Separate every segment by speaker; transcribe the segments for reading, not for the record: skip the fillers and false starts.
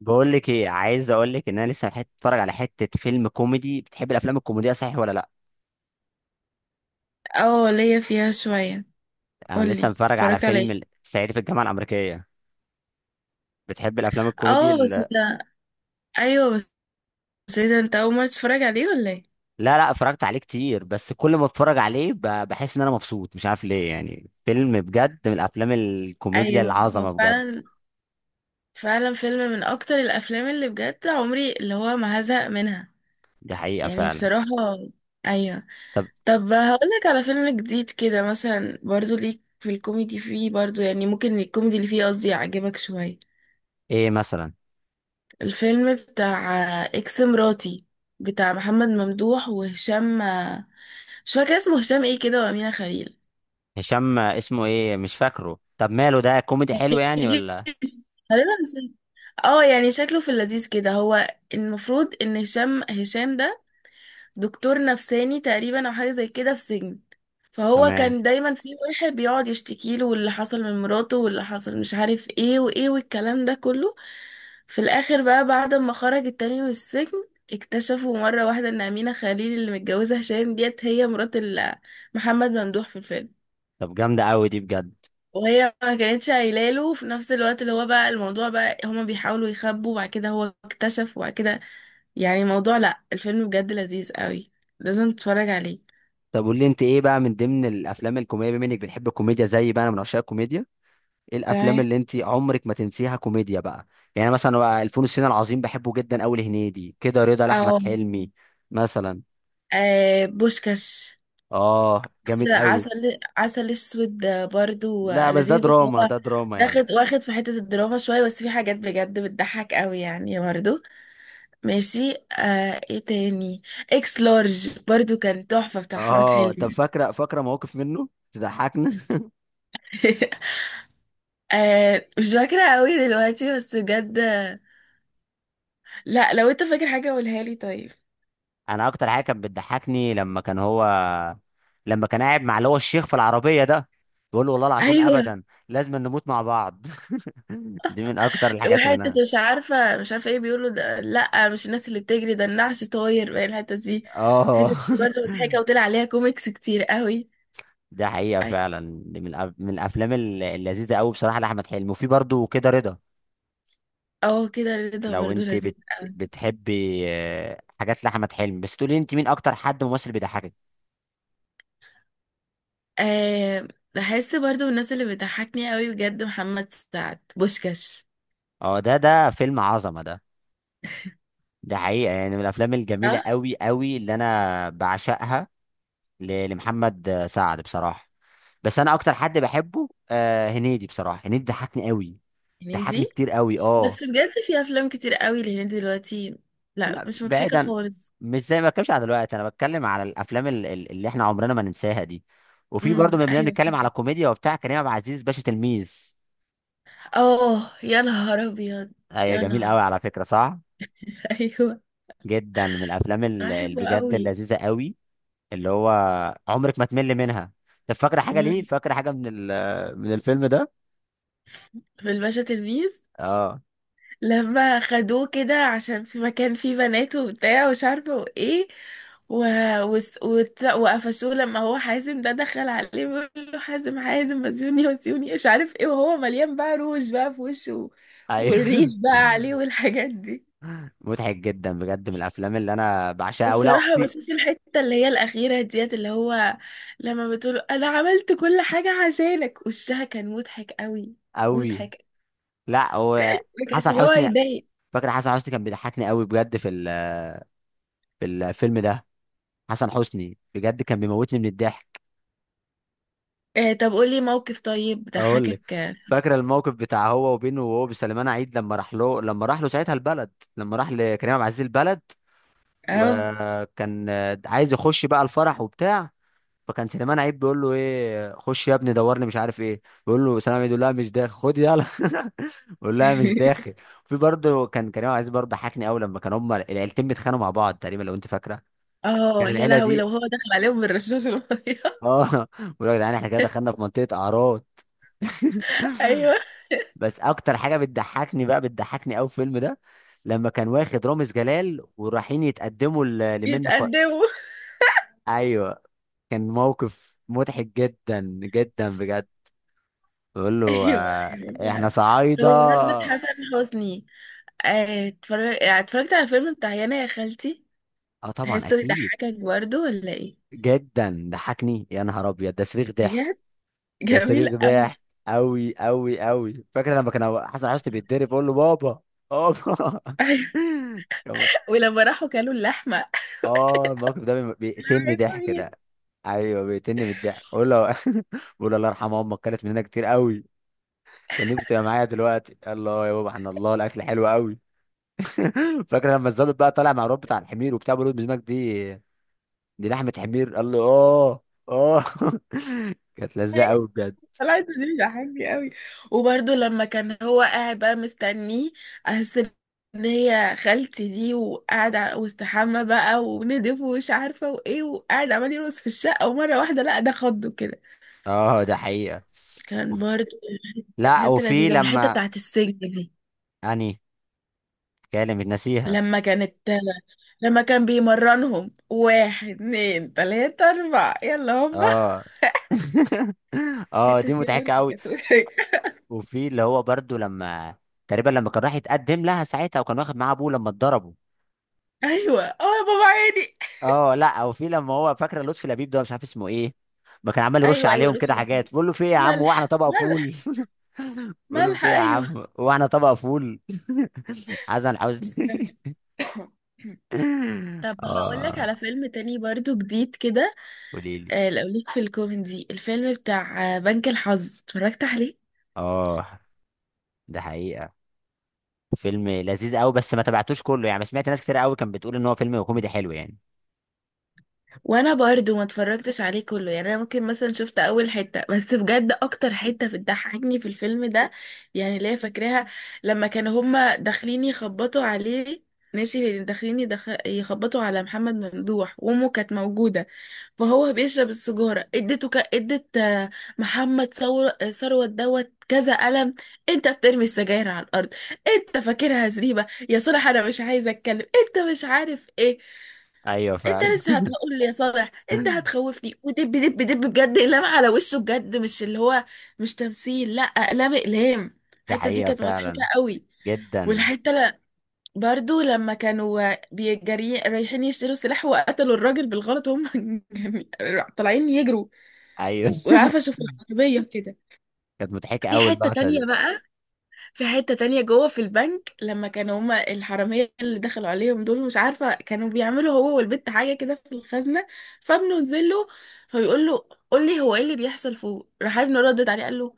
Speaker 1: بقول لك ايه، عايز اقول لك ان انا لسه اتفرج على حته فيلم كوميدي. بتحب الافلام الكوميديه صحيح ولا لا؟
Speaker 2: اه، ليا فيها شوية.
Speaker 1: انا لسه
Speaker 2: قولي،
Speaker 1: متفرج على
Speaker 2: اتفرجت على
Speaker 1: فيلم
Speaker 2: ايه؟
Speaker 1: صعيدي في الجامعه الامريكيه. بتحب الافلام الكوميدي
Speaker 2: اه بس ده. ايوه بس. ايه ده، انت اول مرة تتفرج عليه ولا ايه؟
Speaker 1: لا لا، اتفرجت عليه كتير، بس كل ما اتفرج عليه بحس ان انا مبسوط، مش عارف ليه. يعني فيلم بجد، من الافلام الكوميديا
Speaker 2: ايوه. هو
Speaker 1: العظمه بجد.
Speaker 2: فعلا. فعلا فيلم من اكتر الافلام اللي بجد عمري اللي هو ما هزهق منها.
Speaker 1: دي حقيقه
Speaker 2: يعني
Speaker 1: فعلا.
Speaker 2: بصراحة. ايوه.
Speaker 1: طب
Speaker 2: طب هقولك على فيلم جديد كده، مثلا برضو ليك في الكوميدي، فيه برضو يعني ممكن الكوميدي اللي فيه قصدي يعجبك شوية.
Speaker 1: ايه مثلا؟
Speaker 2: الفيلم بتاع اكس مراتي، بتاع محمد ممدوح وهشام، مش فاكرة اسمه، هشام ايه كده، وأمينة خليل.
Speaker 1: هشام اسمه ايه مش فاكره. طب ماله ده كوميدي حلو يعني ولا؟
Speaker 2: غالبا هشام. اه يعني شكله في اللذيذ كده هو. المفروض ان هشام ده دكتور نفساني تقريبا، او حاجة زي كده في سجن. فهو
Speaker 1: تمام.
Speaker 2: كان دايما في واحد بيقعد يشتكي له واللي حصل من مراته واللي حصل مش عارف ايه وايه والكلام ده كله. في الاخر بقى، بعد ما خرج التاني من السجن، اكتشفوا مرة واحدة ان أمينة خليل اللي متجوزة هشام ديت هي مرات ال- محمد ممدوح في الفيلم.
Speaker 1: طب جامده قوي دي بجد.
Speaker 2: وهي ما كانتش قايله له، في نفس الوقت اللي هو بقى الموضوع بقى هما بيحاولوا يخبوا، وبعد كده هو اكتشف، وبعد كده يعني الموضوع، لا، الفيلم بجد لذيذ قوي. لازم تتفرج عليه.
Speaker 1: طب قول لي انت ايه بقى، من ضمن الافلام الكوميديا، بما انك بتحب الكوميديا زي بقى. انا من عشاق الكوميديا. ايه الافلام
Speaker 2: تمام.
Speaker 1: اللي انت عمرك ما تنسيها كوميديا بقى؟ يعني أنا مثلا بقى، الفول الصين العظيم بحبه جدا قوي، لهنيدي، كده رضا،
Speaker 2: او
Speaker 1: لاحمد حلمي مثلا.
Speaker 2: آه بوشكاش.
Speaker 1: اه
Speaker 2: بس
Speaker 1: جامد قوي.
Speaker 2: عسل، عسل اسود برضو
Speaker 1: لا بس ده
Speaker 2: لذيذ، بس
Speaker 1: دراما،
Speaker 2: هو
Speaker 1: ده دراما يعني.
Speaker 2: واخد في حتة الدراما شوية، بس في حاجات بجد بتضحك قوي يعني برضو. ماشي. آه، ايه تاني؟ اكس لارج برضو كان تحفة، بتاع احمد
Speaker 1: اه طب
Speaker 2: حلمي.
Speaker 1: فاكره، فاكره مواقف منه تضحكنا
Speaker 2: آه، مش فاكرة قوي دلوقتي بس بجد. لا، لو انت فاكر حاجة قولها لي طيب.
Speaker 1: انا اكتر حاجه كانت بتضحكني لما كان قاعد مع اللي هو الشيخ في العربيه ده، بيقول له والله العظيم
Speaker 2: ايوه.
Speaker 1: ابدا لازم نموت مع بعض دي من اكتر الحاجات اللي
Speaker 2: وحتة
Speaker 1: انا.
Speaker 2: مش عارفة ايه بيقولوا ده، لا مش الناس اللي بتجري ده، النعش طاير بقى الحتة دي.
Speaker 1: اه
Speaker 2: الحتة دي برضه مضحكة، وطلع عليها كوميكس كتير قوي.
Speaker 1: ده حقيقة
Speaker 2: أي-
Speaker 1: فعلا. دي من الافلام اللذيذة قوي بصراحة، لاحمد حلمي. وفي برضه كده رضا.
Speaker 2: اه، كده رضا
Speaker 1: لو
Speaker 2: برضه
Speaker 1: انت
Speaker 2: لذيذ قوي.
Speaker 1: بتحبي حاجات لاحمد حلمي. بس تقولي انت مين اكتر حد ممثل بيضحكك؟
Speaker 2: آه، بحس برضه من الناس اللي بتضحكني قوي بجد محمد سعد، بوشكاش.
Speaker 1: اه، ده فيلم عظمة ده. ده حقيقة يعني من الافلام الجميلة
Speaker 2: اه،
Speaker 1: قوي قوي اللي انا بعشقها، لمحمد سعد بصراحة. بس انا اكتر حد بحبه هنيدي بصراحة. هنيدي ضحكني قوي، ضحكني
Speaker 2: هنيدي.
Speaker 1: كتير قوي اه.
Speaker 2: بس بجد في افلام كتير قوي لهنيدي دلوقتي. لا،
Speaker 1: لا
Speaker 2: مش مضحكة
Speaker 1: بعيدا،
Speaker 2: خالص.
Speaker 1: مش زي ما بتكلمش على دلوقتي، انا بتكلم على الافلام اللي احنا عمرنا ما ننساها دي. وفي برضه لما
Speaker 2: ايوه.
Speaker 1: بنتكلم على كوميديا وبتاع، كريم عبد العزيز، باشا تلميذ.
Speaker 2: اه يا نهار ابيض.
Speaker 1: ايوه
Speaker 2: يا
Speaker 1: جميل
Speaker 2: نهار.
Speaker 1: قوي على فكره صح.
Speaker 2: ايوه.
Speaker 1: جدا، من الافلام
Speaker 2: بحبه
Speaker 1: بجد
Speaker 2: قوي.
Speaker 1: اللذيذه قوي، اللي هو عمرك ما تمل منها. طب فاكره حاجه ليه؟
Speaker 2: مم.
Speaker 1: فاكره حاجه من الفيلم ده؟
Speaker 2: في الباشا تلميذ،
Speaker 1: اه،
Speaker 2: لما خدوه كده عشان في مكان فيه بنات وبتاع ومش عارفه وايه، و... وقفشوه لما هو حازم ده دخل عليه بيقول له حازم حازم وزيوني وزيوني مش عارف ايه، وهو مليان بقى روج بقى في وشه،
Speaker 1: ايوه
Speaker 2: والريش بقى عليه والحاجات دي.
Speaker 1: مضحك جدا بجد، من الافلام اللي انا بعشقها قوي. لا
Speaker 2: وبصراحة
Speaker 1: في
Speaker 2: بشوف الحتة اللي هي الأخيرة ديت، اللي هو لما بتقول أنا عملت كل حاجة عشانك، وشها كان مضحك قوي.
Speaker 1: قوي.
Speaker 2: مضحك.
Speaker 1: لا هو
Speaker 2: ما كانش
Speaker 1: حسن
Speaker 2: اللي هو
Speaker 1: حسني،
Speaker 2: يضايق.
Speaker 1: فاكر حسن حسني كان بيضحكني قوي بجد في الفيلم ده. حسن حسني بجد كان بيموتني من الضحك.
Speaker 2: آه، طب قولي موقف طيب
Speaker 1: اقول لك،
Speaker 2: ضحكك. اه.
Speaker 1: فاكره الموقف بتاع هو وبينه، وهو بسليمان عيد، لما راح له ساعتها البلد، لما راح لكريم عبد العزيز البلد،
Speaker 2: اه.
Speaker 1: وكان عايز يخش بقى الفرح وبتاع. فكان سليمان عيد بيقول له ايه خش يا ابني دور لي مش عارف ايه، بيقول له سليمان عيد، يقول لها مش داخل، خد يلا بيقول لها مش داخل. في برضه كان كريم عبد العزيز برضه ضحكني قوي، لما كان هما العيلتين بيتخانقوا مع بعض تقريبا، لو انت فاكره،
Speaker 2: اه
Speaker 1: كان
Speaker 2: يا
Speaker 1: العيله
Speaker 2: لهوي، لو
Speaker 1: دي،
Speaker 2: هو دخل عليهم بالرشاش المية.
Speaker 1: اه بقول لك يا جدعان احنا كده دخلنا في منطقه اعراض
Speaker 2: ايوه.
Speaker 1: بس اكتر حاجه بتضحكني بقى، بتضحكني قوي في الفيلم ده، لما كان واخد رامز جلال ورايحين يتقدموا لمنة
Speaker 2: يتقدموا.
Speaker 1: ايوه، كان موقف مضحك جدا جدا بجد. بقول له
Speaker 2: ايوه، ايوه
Speaker 1: احنا
Speaker 2: فعلا. طب
Speaker 1: صعايده.
Speaker 2: بمناسبة حسن حسني، اتفرجت على فيلم بتاع يانا يا خالتي.
Speaker 1: اه طبعا
Speaker 2: تحسه
Speaker 1: اكيد.
Speaker 2: يضحكك برضه ولا ايه؟
Speaker 1: جدا ضحكني، يا نهار ابيض، ده صريخ ضحك.
Speaker 2: بجد.
Speaker 1: ده
Speaker 2: جميل
Speaker 1: صريخ ضحك
Speaker 2: قوي.
Speaker 1: قوي قوي قوي. فاكر لما كان حسن حسني بيتضرب بقول له بابا، بابا
Speaker 2: ايوه.
Speaker 1: كان
Speaker 2: ولما راحوا كلوا اللحمه.
Speaker 1: اه الموقف ده بيقتلني ضحك
Speaker 2: بتعملي
Speaker 1: ده. ايوه بيقتلني من الضحك، بقول له بقول له الله يرحم امك، كانت مننا كتير قوي، كان نفسي تبقى معايا دلوقتي. الله يا بابا، احنا الله، الاكل حلو قوي فاكر لما الظابط بقى طالع مع الواد بتاع الحمير وبتاع، بيقول له بالنسبه لك دي لحمه حمير، قال له اه، اه كانت
Speaker 2: ايه؟
Speaker 1: لذيذه قوي بجد.
Speaker 2: طلعت دي ضحكني قوي. وبرده لما كان هو قاعد بقى مستنيه على أساس ان هي خالتي دي، وقاعد واستحمى بقى وندف ومش عارفه وايه، وقاعد عمال يرقص في الشقه، ومره واحده لا، ده خضه كده.
Speaker 1: اه، ده حقيقه.
Speaker 2: كان برضه، كانت
Speaker 1: لا،
Speaker 2: حته
Speaker 1: وفي
Speaker 2: لذيذه. والحته
Speaker 1: لما
Speaker 2: بتاعت السجن دي،
Speaker 1: اني كلمة نسيها.
Speaker 2: لما كانت، لما كان بيمرنهم واحد اتنين تلاته اربعه يلا هوبا.
Speaker 1: اه اه
Speaker 2: الحته
Speaker 1: دي
Speaker 2: دي برضه
Speaker 1: مضحكه قوي.
Speaker 2: كانت
Speaker 1: وفي اللي هو برضو، لما تقريبا لما كان راح يتقدم لها ساعتها، وكان واخد معاه ابوه لما اتضربوا.
Speaker 2: ايوه. اه يا بابا عيني.
Speaker 1: اه لا، وفي لما هو فاكره لطفي لبيب ده، مش عارف اسمه ايه، ما كان عمال يرش
Speaker 2: ايوه، ايوه
Speaker 1: عليهم
Speaker 2: لوتي
Speaker 1: كده
Speaker 2: العيون.
Speaker 1: حاجات، بيقول له في ايه يا عم واحنا
Speaker 2: ملح
Speaker 1: طبق فول
Speaker 2: ملح.
Speaker 1: بيقول له في
Speaker 2: ملح،
Speaker 1: ايه يا
Speaker 2: ايوه.
Speaker 1: عم واحنا طبق فول حسن حسني
Speaker 2: طب هقول لك
Speaker 1: اه،
Speaker 2: على فيلم تاني برضو جديد كده.
Speaker 1: قولي لي.
Speaker 2: لو ليك في الكوميدي، الفيلم بتاع بنك الحظ، اتفرجت عليه.
Speaker 1: اه، ده حقيقة. فيلم لذيذ قوي، بس ما تابعتوش كله يعني، سمعت ناس كتير قوي كانت بتقول ان هو فيلم كوميدي حلو يعني.
Speaker 2: وانا برضو ما اتفرجتش عليه كله، يعني انا ممكن مثلا شفت اول حتة، بس بجد اكتر حتة بتضحكني في الفيلم ده، يعني اللي هي فاكراها، لما كانوا هما داخلين يخبطوا عليه، ماشي يعني داخلين يخبطوا على محمد ممدوح، وامه كانت موجودة، فهو بيشرب السجارة، ادت آه، محمد ثور... آه، ثروت دوت كذا قلم. انت بترمي السجاير على الارض، انت فاكرها زريبة يا صالح، انا مش عايزة اتكلم، انت مش عارف ايه،
Speaker 1: ايوه
Speaker 2: انت
Speaker 1: فعلا
Speaker 2: لسه هتقول لي يا صالح، انت هتخوفني، ودب دب دب بجد اقلام على وشه، بجد مش اللي هو مش تمثيل، لا اقلام اقلام.
Speaker 1: ده
Speaker 2: الحتة دي
Speaker 1: حقيقة
Speaker 2: كانت مضحكة
Speaker 1: فعلا.
Speaker 2: قوي.
Speaker 1: جدا.
Speaker 2: والحتة برضو لما كانوا بيجري رايحين يشتروا سلاح، وقتلوا الراجل بالغلط، وهم طالعين يجروا،
Speaker 1: ايوه
Speaker 2: وقفشوا في العربية كده.
Speaker 1: كانت مضحكه
Speaker 2: في
Speaker 1: قوي
Speaker 2: حتة
Speaker 1: اللقطه
Speaker 2: تانية
Speaker 1: دي.
Speaker 2: بقى، في حتة تانية جوه في البنك، لما كانوا هما الحرامية اللي دخلوا عليهم دول مش عارفة كانوا بيعملوا هو والبت حاجة كده في الخزنة، فابنه نزل له، فبيقول له قول لي هو ايه اللي بيحصل فوق، راح ابنه ردد عليه قال له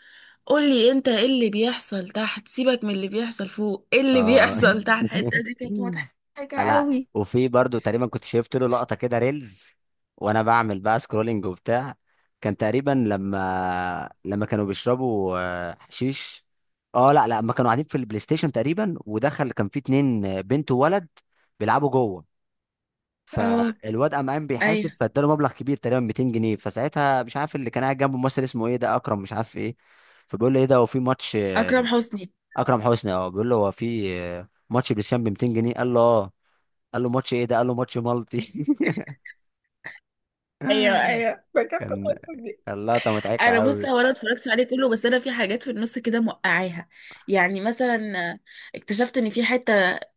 Speaker 2: قول لي انت ايه اللي بيحصل تحت، سيبك من اللي بيحصل فوق، ايه اللي
Speaker 1: اه
Speaker 2: بيحصل تحت. الحتة دي كانت مضحكة
Speaker 1: لا
Speaker 2: قوي.
Speaker 1: وفي برضو تقريبا كنت شفت له لقطه كده ريلز، وانا بعمل بقى سكرولينج وبتاع. كان تقريبا لما كانوا بيشربوا حشيش. اه لا لا، لما كانوا قاعدين في البلاي ستيشن تقريبا، ودخل كان في اتنين، بنت وولد بيلعبوا جوه.
Speaker 2: اه.
Speaker 1: فالواد قام قايم بيحاسب،
Speaker 2: ايوه.
Speaker 1: فاداله مبلغ كبير تقريبا 200 جنيه. فساعتها مش عارف اللي كان قاعد جنبه ممثل اسمه ايه ده، اكرم مش عارف ايه، فبيقول له ايه ده، هو في ماتش
Speaker 2: اكرم حسني.
Speaker 1: اكرم حسني، اه، بيقول له هو في ماتش بلسان ب 200 جنيه؟ قال له اه، قال له ماتش ايه ده؟ قال له ماتش مالتي
Speaker 2: ايوه، ايوه فاكرة
Speaker 1: كان،
Speaker 2: اللقطة دي.
Speaker 1: كان لقطه مضحكه
Speaker 2: انا بص،
Speaker 1: قوي.
Speaker 2: هو انا ما اتفرجتش عليه كله، بس انا في حاجات في النص كده موقعاها، يعني مثلا اكتشفت ان في حته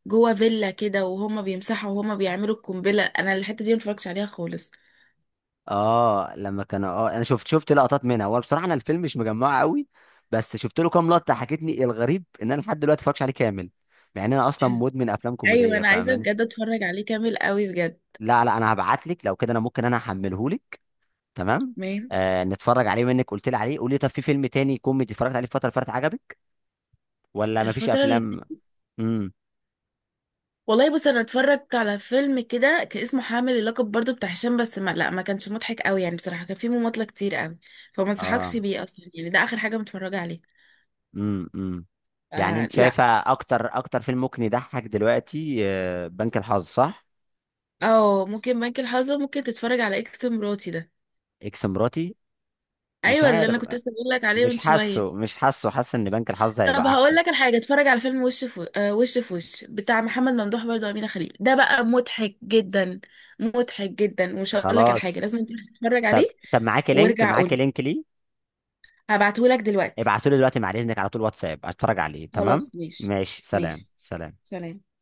Speaker 2: جوه فيلا كده، وهما بيمسحوا وهما بيعملوا القنبله، انا الحته دي ما اتفرجتش عليها خالص.
Speaker 1: اه لما كان، انا شفت لقطات منها، هو بصراحه انا الفيلم مش مجمعه قوي، بس شفت له كام لقطه حكيتني. الغريب ان انا لحد دلوقتي ما اتفرجش عليه كامل، مع ان انا اصلا مدمن افلام
Speaker 2: ايوه،
Speaker 1: كوميديه
Speaker 2: انا عايزه
Speaker 1: فاهماني.
Speaker 2: بجد اتفرج عليه كامل قوي بجد.
Speaker 1: لا لا، انا هبعت لك لو كده، انا ممكن، انا هحمله لك تمام.
Speaker 2: تمام.
Speaker 1: نتفرج عليه منك، قلت لي عليه. قولي، طب في فيلم تاني كوميدي اتفرجت عليه الفتره اللي فاتت عجبك، ولا مفيش
Speaker 2: الفتره اللي.
Speaker 1: افلام؟ امم
Speaker 2: والله بص، انا اتفرجت على فيلم كده كان اسمه حامل اللقب، برضو بتاع هشام، بس ما لا ما كانش مضحك قوي يعني بصراحه، كان فيه مماطله كتير قوي. فما انصحكش
Speaker 1: اه
Speaker 2: بيه اصلا، يعني ده اخر حاجه متفرجه عليه.
Speaker 1: امم امم يعني
Speaker 2: آه
Speaker 1: انت
Speaker 2: لا.
Speaker 1: شايفه اكتر فيلم ممكن يضحك دلوقتي بنك الحظ صح؟
Speaker 2: اه ممكن بنك الحظ، ممكن تتفرج على اكس مراتي ده.
Speaker 1: اكس مراتي؟ مش
Speaker 2: ايوه، اللي
Speaker 1: عارف.
Speaker 2: انا كنت لسه بقول لك عليه من
Speaker 1: مش
Speaker 2: شويه.
Speaker 1: حاسه مش حاسه حاسس ان بنك الحظ هيبقى
Speaker 2: طب هقول
Speaker 1: احسن.
Speaker 2: لك الحاجه، اتفرج على فيلم وش في، آه وش في وش بتاع محمد ممدوح برضو وامينه خليل، ده بقى مضحك جدا، مضحك جدا، ومش هقول لك على حاجه،
Speaker 1: خلاص.
Speaker 2: لازم تروح تتفرج عليه.
Speaker 1: طب معاكي لينك
Speaker 2: وارجع
Speaker 1: معاكي
Speaker 2: قولي.
Speaker 1: لينك ليه؟
Speaker 2: هبعتهولك دلوقتي.
Speaker 1: ابعتولي دلوقتي بعد اذنك، على طول واتساب اتفرج عليه. تمام،
Speaker 2: خلاص ماشي.
Speaker 1: ماشي، سلام
Speaker 2: ماشي،
Speaker 1: سلام.
Speaker 2: سلام.